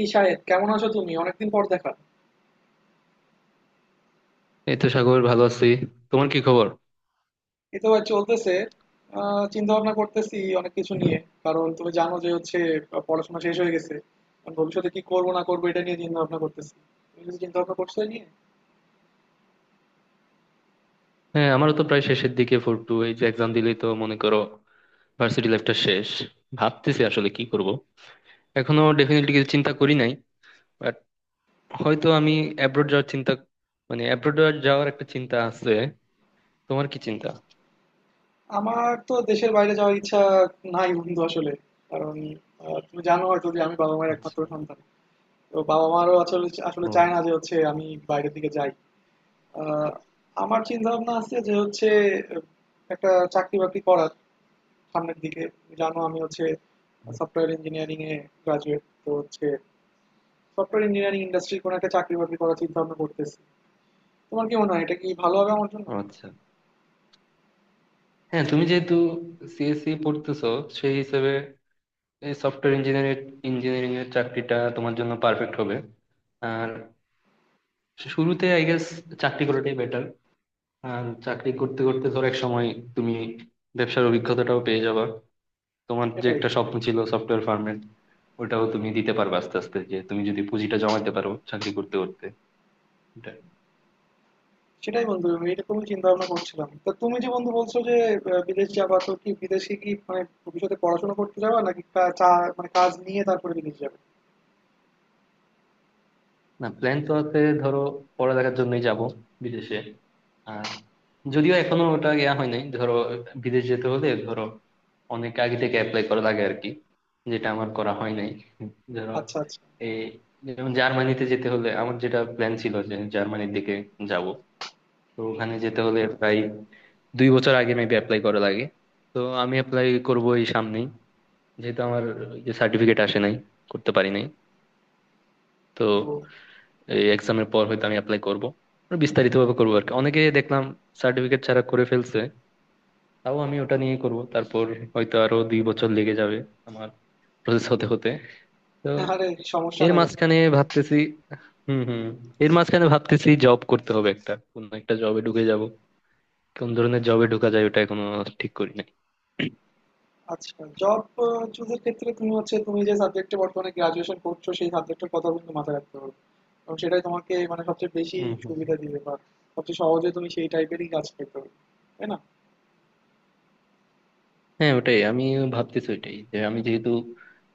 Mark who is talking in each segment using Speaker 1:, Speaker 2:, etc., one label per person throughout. Speaker 1: এই শাহেদ, কেমন আছো তুমি? অনেকদিন পর দেখা।
Speaker 2: এই তো সাগর, ভালো আছি। তোমার কি খবর?
Speaker 1: এই তো ভাই চলতেছে। চিন্তা ভাবনা করতেছি অনেক কিছু নিয়ে। কারণ তুমি জানো যে হচ্ছে পড়াশোনা শেষ হয়ে গেছে। এখন ভবিষ্যতে কি করবো না করবো এটা নিয়ে চিন্তা ভাবনা করতেছি। তুমি কিছু চিন্তা ভাবনা করছো এই নিয়ে?
Speaker 2: হ্যাঁ, আমারও তো প্রায় শেষের দিকে। 4-2 এই যে এক্সাম দিলেই তো মনে করো ভার্সিটি লাইফটা শেষ। ভাবতেছি আসলে কি করব। এখনো ডেফিনেটলি কিছু চিন্তা করি নাই, বাট হয়তো আমি অ্যাব্রোড যাওয়ার চিন্তা, মানে অ্যাব্রোড যাওয়ার একটা চিন্তা আছে। তোমার কি চিন্তা?
Speaker 1: আমার তো দেশের বাইরে যাওয়ার ইচ্ছা নাই বন্ধু আসলে। কারণ তুমি জানো হয়তো যে আমি বাবা মায়ের
Speaker 2: আচ্ছা।
Speaker 1: একমাত্র সন্তান। তো বাবা মারও আসলে আসলে
Speaker 2: ও
Speaker 1: চায় না যে হচ্ছে আমি বাইরের দিকে যাই। আহ, আমার চিন্তা ভাবনা আছে যে হচ্ছে আহ, একটা চাকরি বাকরি করার সামনের দিকে। জানো আমি হচ্ছে সফটওয়্যার ইঞ্জিনিয়ারিং এ গ্রাজুয়েট, তো হচ্ছে সফটওয়্যার ইঞ্জিনিয়ারিং ইন্ডাস্ট্রির কোনো একটা চাকরি বাকরি করার চিন্তা ভাবনা করতেছি। তোমার কি মনে হয়, এটা কি ভালো হবে আমার জন্য?
Speaker 2: আচ্ছা। হ্যাঁ, তুমি যেহেতু সিএসসি পড়তেছো, সেই হিসেবে এই সফটওয়্যার ইঞ্জিনিয়ারিং ইঞ্জিনিয়ারিং এর চাকরিটা তোমার জন্য পারফেক্ট হবে। আর শুরুতে আই গেস চাকরি করাটাই বেটার। আর চাকরি করতে করতে ধর এক সময় তুমি ব্যবসার অভিজ্ঞতাটাও পেয়ে যাবা। তোমার যে
Speaker 1: সেটাই,
Speaker 2: একটা
Speaker 1: সেটাই।
Speaker 2: স্বপ্ন ছিল সফটওয়্যার ফার্মের, ওটাও তুমি দিতে পারবে আস্তে আস্তে, যে তুমি যদি পুঁজিটা জমাইতে পারো চাকরি করতে করতে, এটাই।
Speaker 1: সেটাই বন্ধু, আমি এরকমই চিন্তা ভাবনা করছিলাম। তা তুমি যে বন্ধু বলছো যে বিদেশ যাবা, তো কি বিদেশে কি মানে ভবিষ্যতে পড়াশোনা করতে যাবা, নাকি মানে কাজ নিয়ে তারপরে বিদেশ যাবে?
Speaker 2: না, প্ল্যান তো আছে, ধরো পড়ালেখার জন্যই যাব বিদেশে। আর যদিও এখনো ওটা ইয়া হয় নাই, ধরো বিদেশ যেতে হলে ধরো অনেক আগে থেকে অ্যাপ্লাই করা লাগে আর কি, যেটা আমার করা হয় নাই, ধরো।
Speaker 1: আচ্ছা, আচ্ছা।
Speaker 2: এই যেমন জার্মানিতে যেতে হলে, আমার যেটা প্ল্যান ছিল যে জার্মানির দিকে যাব, তো ওখানে যেতে হলে প্রায় 2 বছর আগে মেবি অ্যাপ্লাই করা লাগে। তো আমি অ্যাপ্লাই করবো এই সামনেই, যেহেতু আমার যে সার্টিফিকেট আসে নাই, করতে পারি নাই। তো
Speaker 1: ও।
Speaker 2: এই এক্সামের পর হয়তো আমি অ্যাপ্লাই করবো, বিস্তারিত ভাবে করবো আর কি। অনেকে দেখলাম সার্টিফিকেট ছাড়া করে ফেলছে, তাও আমি ওটা নিয়ে করব। তারপর হয়তো আরো 2 বছর লেগে যাবে আমার প্রসেস হতে হতে। তো
Speaker 1: আরে সমস্যা
Speaker 2: এর
Speaker 1: নাই বন্ধু।
Speaker 2: মাঝখানে ভাবতেছি। হুম হুম। এর মাঝখানে ভাবতেছি জব করতে হবে, একটা কোন একটা জবে ঢুকে যাব। কোন ধরনের জবে ঢুকা যায় ওটা এখনো ঠিক করি নাই।
Speaker 1: আচ্ছা, জব চুজের ক্ষেত্রে তুমি হচ্ছে তুমি যে সাবজেক্টে বর্তমানে গ্রাজুয়েশন করছো সেই সাবজেক্টের কথা কিন্তু মাথায় রাখতে হবে। এবং সেটাই তোমাকে মানে সবচেয়ে বেশি
Speaker 2: হুম হুম।
Speaker 1: সুবিধা দিবে, বা সবচেয়ে সহজে তুমি সেই টাইপেরই কাজ পেতে পারবে, তাই না?
Speaker 2: হ্যাঁ, ওটাই আমি ভাবতেছি, ওইটাই, যে আমি যেহেতু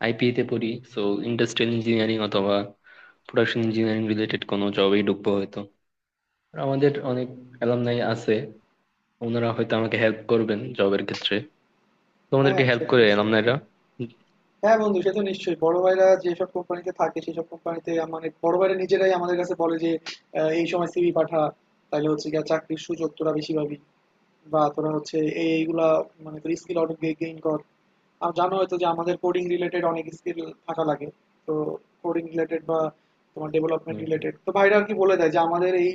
Speaker 2: আইপিএ তে পড়ি, সো ইন্ডাস্ট্রিয়াল ইঞ্জিনিয়ারিং অথবা প্রোডাকশন ইঞ্জিনিয়ারিং রিলেটেড কোনো জবেই ঢুকবো হয়তো। আর আমাদের অনেক অ্যালামনাই আছে, ওনারা হয়তো আমাকে হেল্প করবেন জবের ক্ষেত্রে।
Speaker 1: হ্যাঁ,
Speaker 2: তোমাদেরকে
Speaker 1: সে
Speaker 2: হেল্প
Speaker 1: তো
Speaker 2: করে
Speaker 1: নিশ্চয়ই।
Speaker 2: অ্যালামনাইরা?
Speaker 1: হ্যাঁ বন্ধু, সে তো নিশ্চয়ই। বড় ভাইরা যেসব কোম্পানিতে থাকে সেসব কোম্পানিতে, মানে বড় ভাইরা নিজেরাই আমাদের কাছে বলে যে এই সময় সিভি পাঠা, তাহলে হচ্ছে গিয়ে চাকরির সুযোগ তোরা বেশি পাবি। বা তোরা হচ্ছে এইগুলা মানে তোর স্কিল আউট গেইন কর। আর জানো হয়তো যে আমাদের কোডিং রিলেটেড অনেক স্কিল থাকা লাগে। তো কোডিং রিলেটেড বা তোমার ডেভেলপমেন্ট
Speaker 2: হুম হুম।
Speaker 1: রিলেটেড, তো ভাইরা আর কি বলে দেয় যে আমাদের এই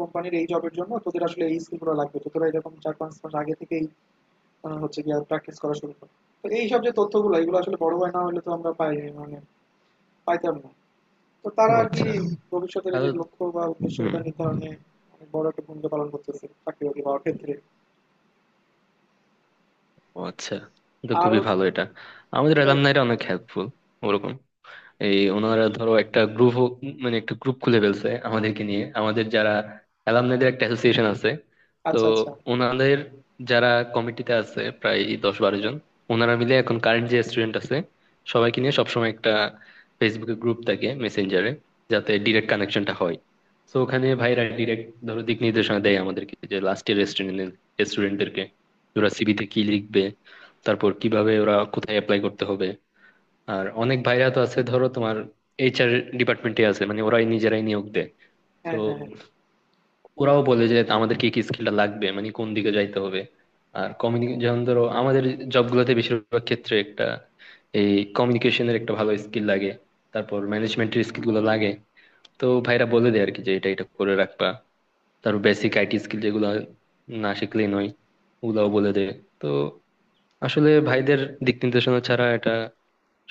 Speaker 1: কোম্পানির এই জবের জন্য তোদের আসলে এই স্কিলগুলো লাগবে, তো তোরা এরকম 4-5 মাস আগে থেকেই হচ্ছে গিয়ে প্র্যাকটিস করা শুরু কর। তো এই সব যে তথ্যগুলো, এগুলো আসলে বড় হয় না হলে তো আমরা পাই, মানে পাইতাম না। তো
Speaker 2: ও
Speaker 1: তারা আর কি
Speaker 2: আচ্ছা।
Speaker 1: ভবিষ্যতের এই যে
Speaker 2: তাহলে
Speaker 1: লক্ষ্য বা উদ্দেশ্য,
Speaker 2: হুম।
Speaker 1: এটা নির্ধারণে অনেক বড় একটা ভূমিকা পালন করতেছে চাকরি বাকরি পাওয়ার ক্ষেত্রে।
Speaker 2: ও আচ্ছা, তো
Speaker 1: আর
Speaker 2: খুবই ভালো এটা। আমাদের
Speaker 1: সেটাই।
Speaker 2: অ্যালামনাইরা অনেক হেল্পফুল ওরকম। এই ওনারা ধরো একটা গ্রুপ, মানে একটা গ্রুপ খুলে ফেলছে আমাদেরকে নিয়ে। আমাদের যারা অ্যালামনাইদের একটা অ্যাসোসিয়েশন আছে, তো
Speaker 1: আচ্ছা, আচ্ছা।
Speaker 2: ওনাদের যারা কমিটিতে আছে প্রায় 10-12 জন, ওনারা মিলে এখন কারেন্ট যে স্টুডেন্ট আছে সবাইকে নিয়ে সবসময় একটা ফেসবুকে গ্রুপ থাকে, মেসেঞ্জারে, যাতে ডিরেক্ট কানেকশনটা হয়। তো ওখানে ভাইরা ডিরেক্ট ধরো দিক নির্দেশনা দেয় আমাদেরকে যে লাস্ট ইয়ার স্টুডেন্টদেরকে ওরা সিভিতে কি লিখবে, তারপর কিভাবে ওরা কোথায় অ্যাপ্লাই করতে হবে। আর অনেক ভাইরা তো আছে ধরো তোমার এইচআর ডিপার্টমেন্টে আছে, মানে ওরাই নিজেরাই নিয়োগ দেয়। তো
Speaker 1: হ্যাঁ, হ্যাঁ, হ্যাঁ।
Speaker 2: ওরাও বলে যে আমাদের কি কি স্কিলটা লাগবে, মানে কোন দিকে যাইতে হবে। আর কমিউনিকেশন যেমন ধরো আমাদের জবগুলোতে বেশিরভাগ ক্ষেত্রে একটা এই কমিউনিকেশনের একটা ভালো স্কিল লাগে, তারপর ম্যানেজমেন্টের স্কিল গুলো লাগে। তো ভাইরা বলে দেয় আর কি, যে এটা এটা করে রাখবা। তারপর বেসিক আইটি স্কিল যেগুলো না শিখলেই নয়, ওগুলাও বলে দেয়। তো আসলে ভাইদের দিক নির্দেশনা ছাড়া এটা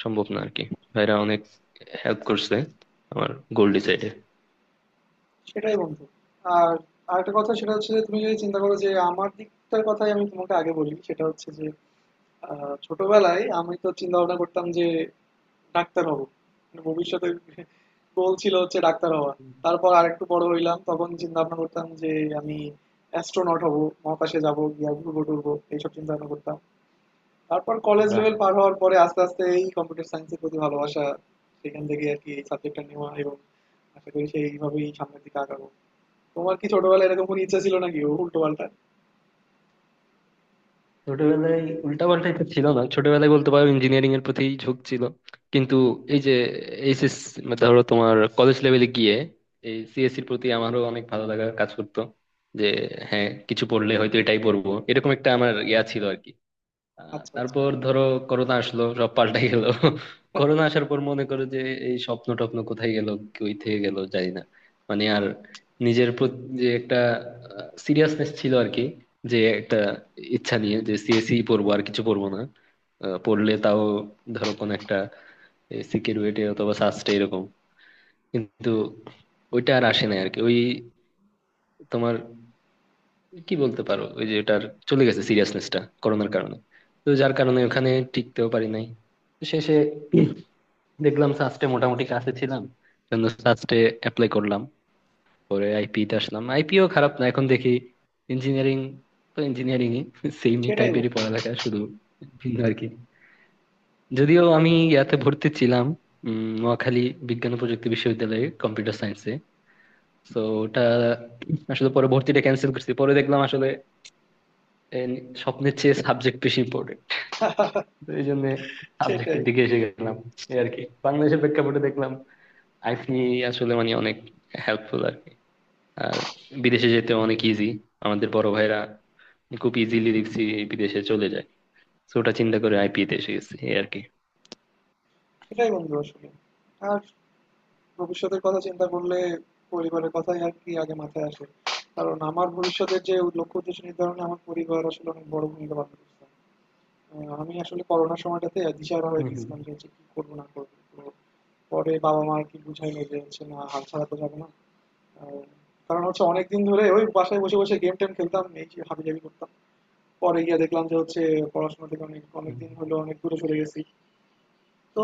Speaker 2: সম্ভব না আর কি। ভাইরা অনেক হেল্প করছে আমার গোল ডিসাইডে।
Speaker 1: সেটাই বন্ধু। আর আরেকটা কথা, সেটা হচ্ছে যে তুমি যদি চিন্তা করো যে আমার দিকটার কথাই আমি তোমাকে আগে বলি, সেটা হচ্ছে যে ছোটবেলায় আমি তো চিন্তা ভাবনা করতাম যে ডাক্তার হব, মানে ভবিষ্যতে গোল ছিল হচ্ছে ডাক্তার হওয়া। তারপর আরেকটু বড় হইলাম, তখন চিন্তা ভাবনা করতাম যে আমি অ্যাস্ট্রোনট হব, মহাকাশে যাব গিয়া ঘুরবো টুরবো, এইসব চিন্তা ভাবনা করতাম। তারপর কলেজ
Speaker 2: বাহ।
Speaker 1: লেভেল পার হওয়ার পরে আস্তে আস্তে এই কম্পিউটার সায়েন্সের প্রতি ভালোবাসা, সেখান থেকে আর কি এই সাবজেক্টটা নেওয়া, এবং আশা করি সেইভাবেই সামনের দিকে আগাবো। তোমার কি ছোটবেলায় এরকম কোনো ইচ্ছা ছিল, নাকি ও উল্টো পাল্টা?
Speaker 2: ছোটবেলায় উল্টাপাল্টা এটা ছিল না, ছোটবেলায় বলতে পারো ইঞ্জিনিয়ারিং এর প্রতি ঝোঁক ছিল। কিন্তু এই যে এইচএস, ধরো তোমার কলেজ লেভেলে গিয়ে এই সিএসসির প্রতি আমারও অনেক ভালো লাগা কাজ করতো, যে হ্যাঁ কিছু পড়লে হয়তো এটাই পড়বো, এরকম একটা আমার ইয়া ছিল আর কি।
Speaker 1: আচ্ছা, আচ্ছা।
Speaker 2: তারপর ধরো করোনা আসলো, সব পাল্টাই গেল। করোনা আসার পর মনে করো যে এই স্বপ্ন টপ্ন কোথায় গেল, কই থেকে গেল জানি না। মানে আর নিজের প্রতি যে একটা সিরিয়াসনেস ছিল আর কি, যে একটা ইচ্ছা নিয়ে যে সিএসই পড়বো, আর কিছু পড়বো না। পড়লে তাও ধরো কোন একটা সিকিউরিটি অথবা সাস্টে এরকম, কিন্তু ওইটা আর আসে না আর কি। ওই তোমার কি বলতে পারো ওই যে ওটার চলে গেছে সিরিয়াসনেসটা করোনার কারণে। তো যার কারণে ওখানে টিকতেও পারি নাই। তো শেষে দেখলাম সাস্টে মোটামুটি কাছে ছিলাম, জন্য সাস্টে অ্যাপ্লাই করলাম। পরে আইপি তে আসলাম, আইপিও খারাপ না এখন দেখি। ইঞ্জিনিয়ারিং তো ইঞ্জিনিয়ারিং ই, সেমই
Speaker 1: সেটাই
Speaker 2: টাইপেরই
Speaker 1: বন্ধু।
Speaker 2: পড়ালেখা, শুধু ভিন্ন আর কি। যদিও আমি ইয়াতে ভর্তি ছিলাম, নোয়াখালী বিজ্ঞান ও প্রযুক্তি বিশ্ববিদ্যালয়ে, কম্পিউটার সায়েন্সে। তো ওটা আসলে পরে ভর্তিটা ক্যান্সেল করছি। পরে দেখলাম আসলে এই স্বপ্নের চেয়ে সাবজেক্ট বেশি ইম্পর্টেন্ট। তো এই জন্য
Speaker 1: সেটাই
Speaker 2: সাবজেক্টের দিকে এসে গেলাম এই আর কি। বাংলাদেশের প্রেক্ষাপটে দেখলাম আইসি আসলে মানে অনেক হেল্পফুল আর কি। আর বিদেশে যেতে অনেক ইজি, আমাদের বড় ভাইরা খুব ইজিলি দেখছি বিদেশে চলে যায়। তো ওটা চিন্তা করে আইপি তে এসে গেছি এই আর কি।
Speaker 1: সেটাই বন্ধু আসলে। আর ভবিষ্যতের কথা চিন্তা করলে পরিবারের কথাই আর কি আগে মাথায় আসে। কারণ আমার ভবিষ্যতের যে লক্ষ্য উদ্দেশ্য নির্ধারণে আমার পরিবার আসলে অনেক বড় ভূমিকা পালন করছে। আমি আসলে করোনার সময়টাতে দিশাহারা
Speaker 2: হম
Speaker 1: হয়ে
Speaker 2: হম
Speaker 1: গেছিলাম যে হচ্ছে কি করবো না করবো। তো পরে বাবা মা আর কি বুঝাইলো যে হচ্ছে না, হাল ছাড়া তো যাবো না। আহ, কারণ হচ্ছে অনেকদিন ধরে ওই বাসায় বসে বসে গেম টেম খেলতাম, এই হাবি জাবি করতাম। পরে গিয়ে দেখলাম যে হচ্ছে পড়াশোনা থেকে অনেক
Speaker 2: হম।
Speaker 1: অনেকদিন হলো অনেক দূরে চলে গেছি। তো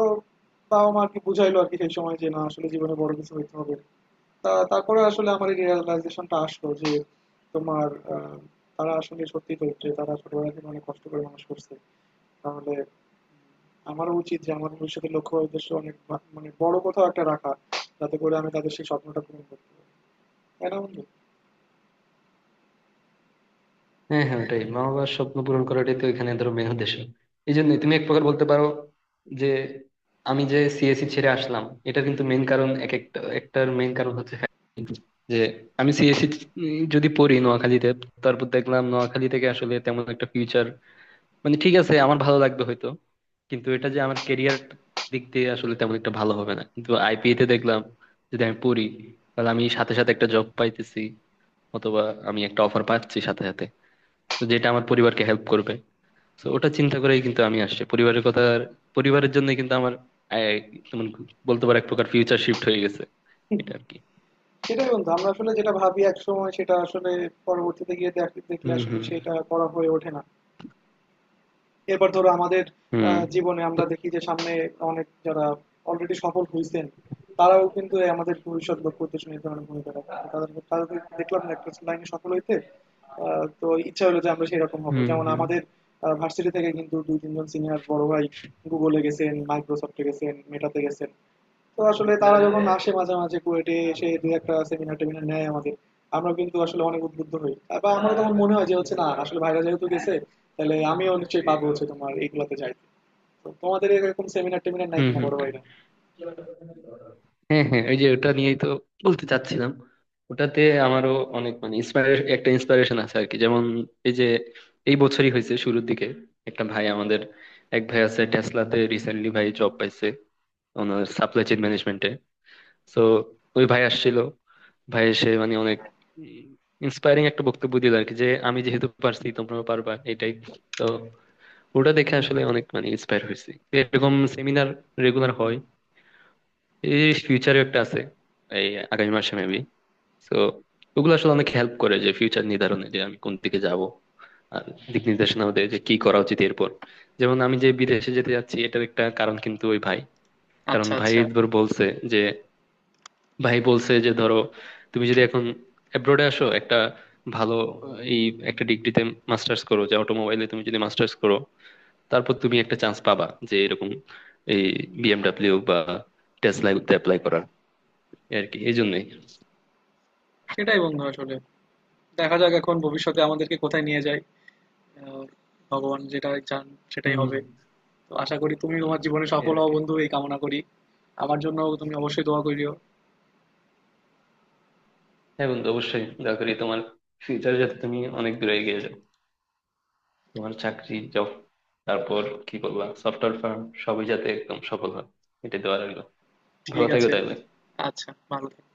Speaker 1: বাবা মা আর কি বুঝাইলো আর কি সেই সময় যে না, আসলে জীবনে বড় কিছু হইতে হবে। তা তারপরে আসলে আমার এই রিয়েলাইজেশনটা আসলো যে তোমার আহ, তারা আসলে সত্যি তো যে তারা ছোটবেলা থেকে অনেক কষ্ট করে মানুষ করছে। তাহলে আমারও উচিত যে আমার ভবিষ্যতের লক্ষ্য বা উদ্দেশ্য অনেক মানে বড় কোথাও একটা রাখা, যাতে করে আমি তাদের সেই স্বপ্নটা পূরণ করতে পারি। তাই না বন্ধু?
Speaker 2: হ্যাঁ হ্যাঁ, ওটাই, মা বাবার স্বপ্ন পূরণ করাটাই তো এখানে ধরো মেন উদ্দেশ্য। এই জন্য তুমি এক প্রকার বলতে পারো যে আমি যে সিএসসি ছেড়ে আসলাম, এটার কিন্তু মেন কারণ, এক একটা একটার মেন কারণ হচ্ছে যে আমি সিএসসি যদি পড়ি নোয়াখালীতে, তারপর দেখলাম নোয়াখালী থেকে আসলে তেমন একটা ফিউচার, মানে ঠিক আছে আমার ভালো লাগবে হয়তো, কিন্তু এটা যে আমার কেরিয়ার দিক দিয়ে আসলে তেমন একটা ভালো হবে না। কিন্তু আইপিএ তে দেখলাম যদি আমি পড়ি, তাহলে আমি সাথে সাথে একটা জব পাইতেছি, অথবা আমি একটা অফার পাচ্ছি সাথে সাথে, তো যেটা আমার পরিবারকে হেল্প করবে। তো ওটা চিন্তা করেই কিন্তু আমি আসছি, পরিবারের কথা, পরিবারের জন্য কিন্তু আমার আহ, তেমন বলতে পারো এক প্রকার ফিউচার শিফট হয়ে গেছে এটা আর কি।
Speaker 1: সেটাই বন্ধু, আমরা আসলে যেটা ভাবি এক সময় সেটা আসলে পরবর্তীতে গিয়ে দেখলে
Speaker 2: হুম
Speaker 1: আসলে
Speaker 2: হুম।
Speaker 1: সেটা করা হয়ে ওঠে না। এরপর ধরো আমাদের
Speaker 2: হুম।
Speaker 1: জীবনে
Speaker 2: তো
Speaker 1: আমরা দেখি যে সামনে অনেক, যারা অলরেডি সফল হয়েছেন, তারাও কিন্তু এই আমাদের ভবিষ্যৎ লক্ষ্য উদ্দেশ্য নির্ধারণে ভূমিকা রাখে। তো তাদের তাদের দেখলাম না একটা লাইনে সফল হইতে। তো ইচ্ছা হলো যে আমরা সেরকম হব,
Speaker 2: হুম
Speaker 1: যেমন
Speaker 2: হুম।
Speaker 1: আমাদের ভার্সিটি থেকে কিন্তু 2-3 জন সিনিয়র বড় ভাই গুগলে গেছেন, মাইক্রোসফটে গেছেন, মেটাতে গেছেন। তো আসলে তারা যখন আসে মাঝে মাঝে কুয়েটে এসে দু একটা সেমিনার টেমিনার নেয় আমাদের, আমরা কিন্তু আসলে অনেক উদ্বুদ্ধ হই। বা আমারও তখন মনে হয় যে হচ্ছে না, আসলে ভাইরা যেহেতু গেছে তাহলে আমিও নিশ্চয়ই পাবো হচ্ছে তোমার এইগুলাতে যাইতে। তো তোমাদের এরকম সেমিনার টেমিনার নাই
Speaker 2: হুম
Speaker 1: কিনা
Speaker 2: হুম।
Speaker 1: বড় ভাইরা?
Speaker 2: হ্যাঁ হ্যাঁ, ওই যে ওটা নিয়েই তো বলতে চাচ্ছিলাম, ওটাতে আমারও অনেক মানে একটা ইন্সপিরেশন আছে আর কি। যেমন এই যে এই বছরই হয়েছে শুরুর দিকে, একটা ভাই আমাদের, এক ভাই আছে টেসলাতে রিসেন্টলি ভাই জব পাইছে, ওনার সাপ্লাই চেইন ম্যানেজমেন্টে। তো ওই ভাই আসছিল, ভাই এসে মানে অনেক ইন্সপায়ারিং একটা বক্তব্য দিল আর কি, যে আমি যেহেতু পারছি তোমরাও পারবা, এটাই। তো ওটা দেখে আসলে অনেক মানে ইন্সপায়ার হয়েছি। এরকম সেমিনার রেগুলার হয়, এই ফিউচারে একটা আছে এই আগামী মাসে মেবি। তো ওগুলো আসলে অনেক হেল্প করে যে ফিউচার নির্ধারণে, যে আমি কোন দিকে যাব। আর দিক নির্দেশনাও দেয় যে কি করা উচিত এরপর। যেমন আমি যে বিদেশে যেতে যাচ্ছি, এটার একটা কারণ কিন্তু ওই ভাই। কারণ
Speaker 1: আচ্ছা,
Speaker 2: ভাই
Speaker 1: আচ্ছা।
Speaker 2: একবার বলছে যে, ভাই বলছে যে ধরো তুমি যদি এখন অ্যাব্রোডে আসো একটা ভালো এই একটা ডিগ্রিতে মাস্টার্স করো, যে অটোমোবাইলে তুমি যদি মাস্টার্স করো, তারপর তুমি একটা চান্স পাবা যে এরকম এই বিএমডাব্লিউ বা টেসলায় অ্যাপ্লাই করার। এই আর কি, এই জন্যই।
Speaker 1: সেটাই বন্ধু আসলে, দেখা যাক এখন ভবিষ্যতে আমাদেরকে কোথায় নিয়ে যায়। আহ, ভগবান যেটা চান সেটাই
Speaker 2: হুম।
Speaker 1: হবে। তো আশা করি তুমি
Speaker 2: হুম,
Speaker 1: তোমার জীবনে
Speaker 2: এই
Speaker 1: সফল
Speaker 2: আর
Speaker 1: হও
Speaker 2: কি।
Speaker 1: বন্ধু, এই কামনা করি। আমার জন্য তুমি অবশ্যই দোয়া করিও।
Speaker 2: হ্যাঁ বন্ধু, অবশ্যই দয়া করি তোমার ফিউচার যাতে তুমি অনেক দূরে এগিয়ে যাও, তোমার চাকরি জব, তারপর কি করবা সফটওয়্যার ফার্ম, সবই যাতে একদম সফল হয়, এটা দেওয়া লাগলো। ভালো
Speaker 1: ঠিক
Speaker 2: থাকো
Speaker 1: আছে
Speaker 2: তাইলে।
Speaker 1: বন্ধু। আচ্ছা, ভালো থেকো।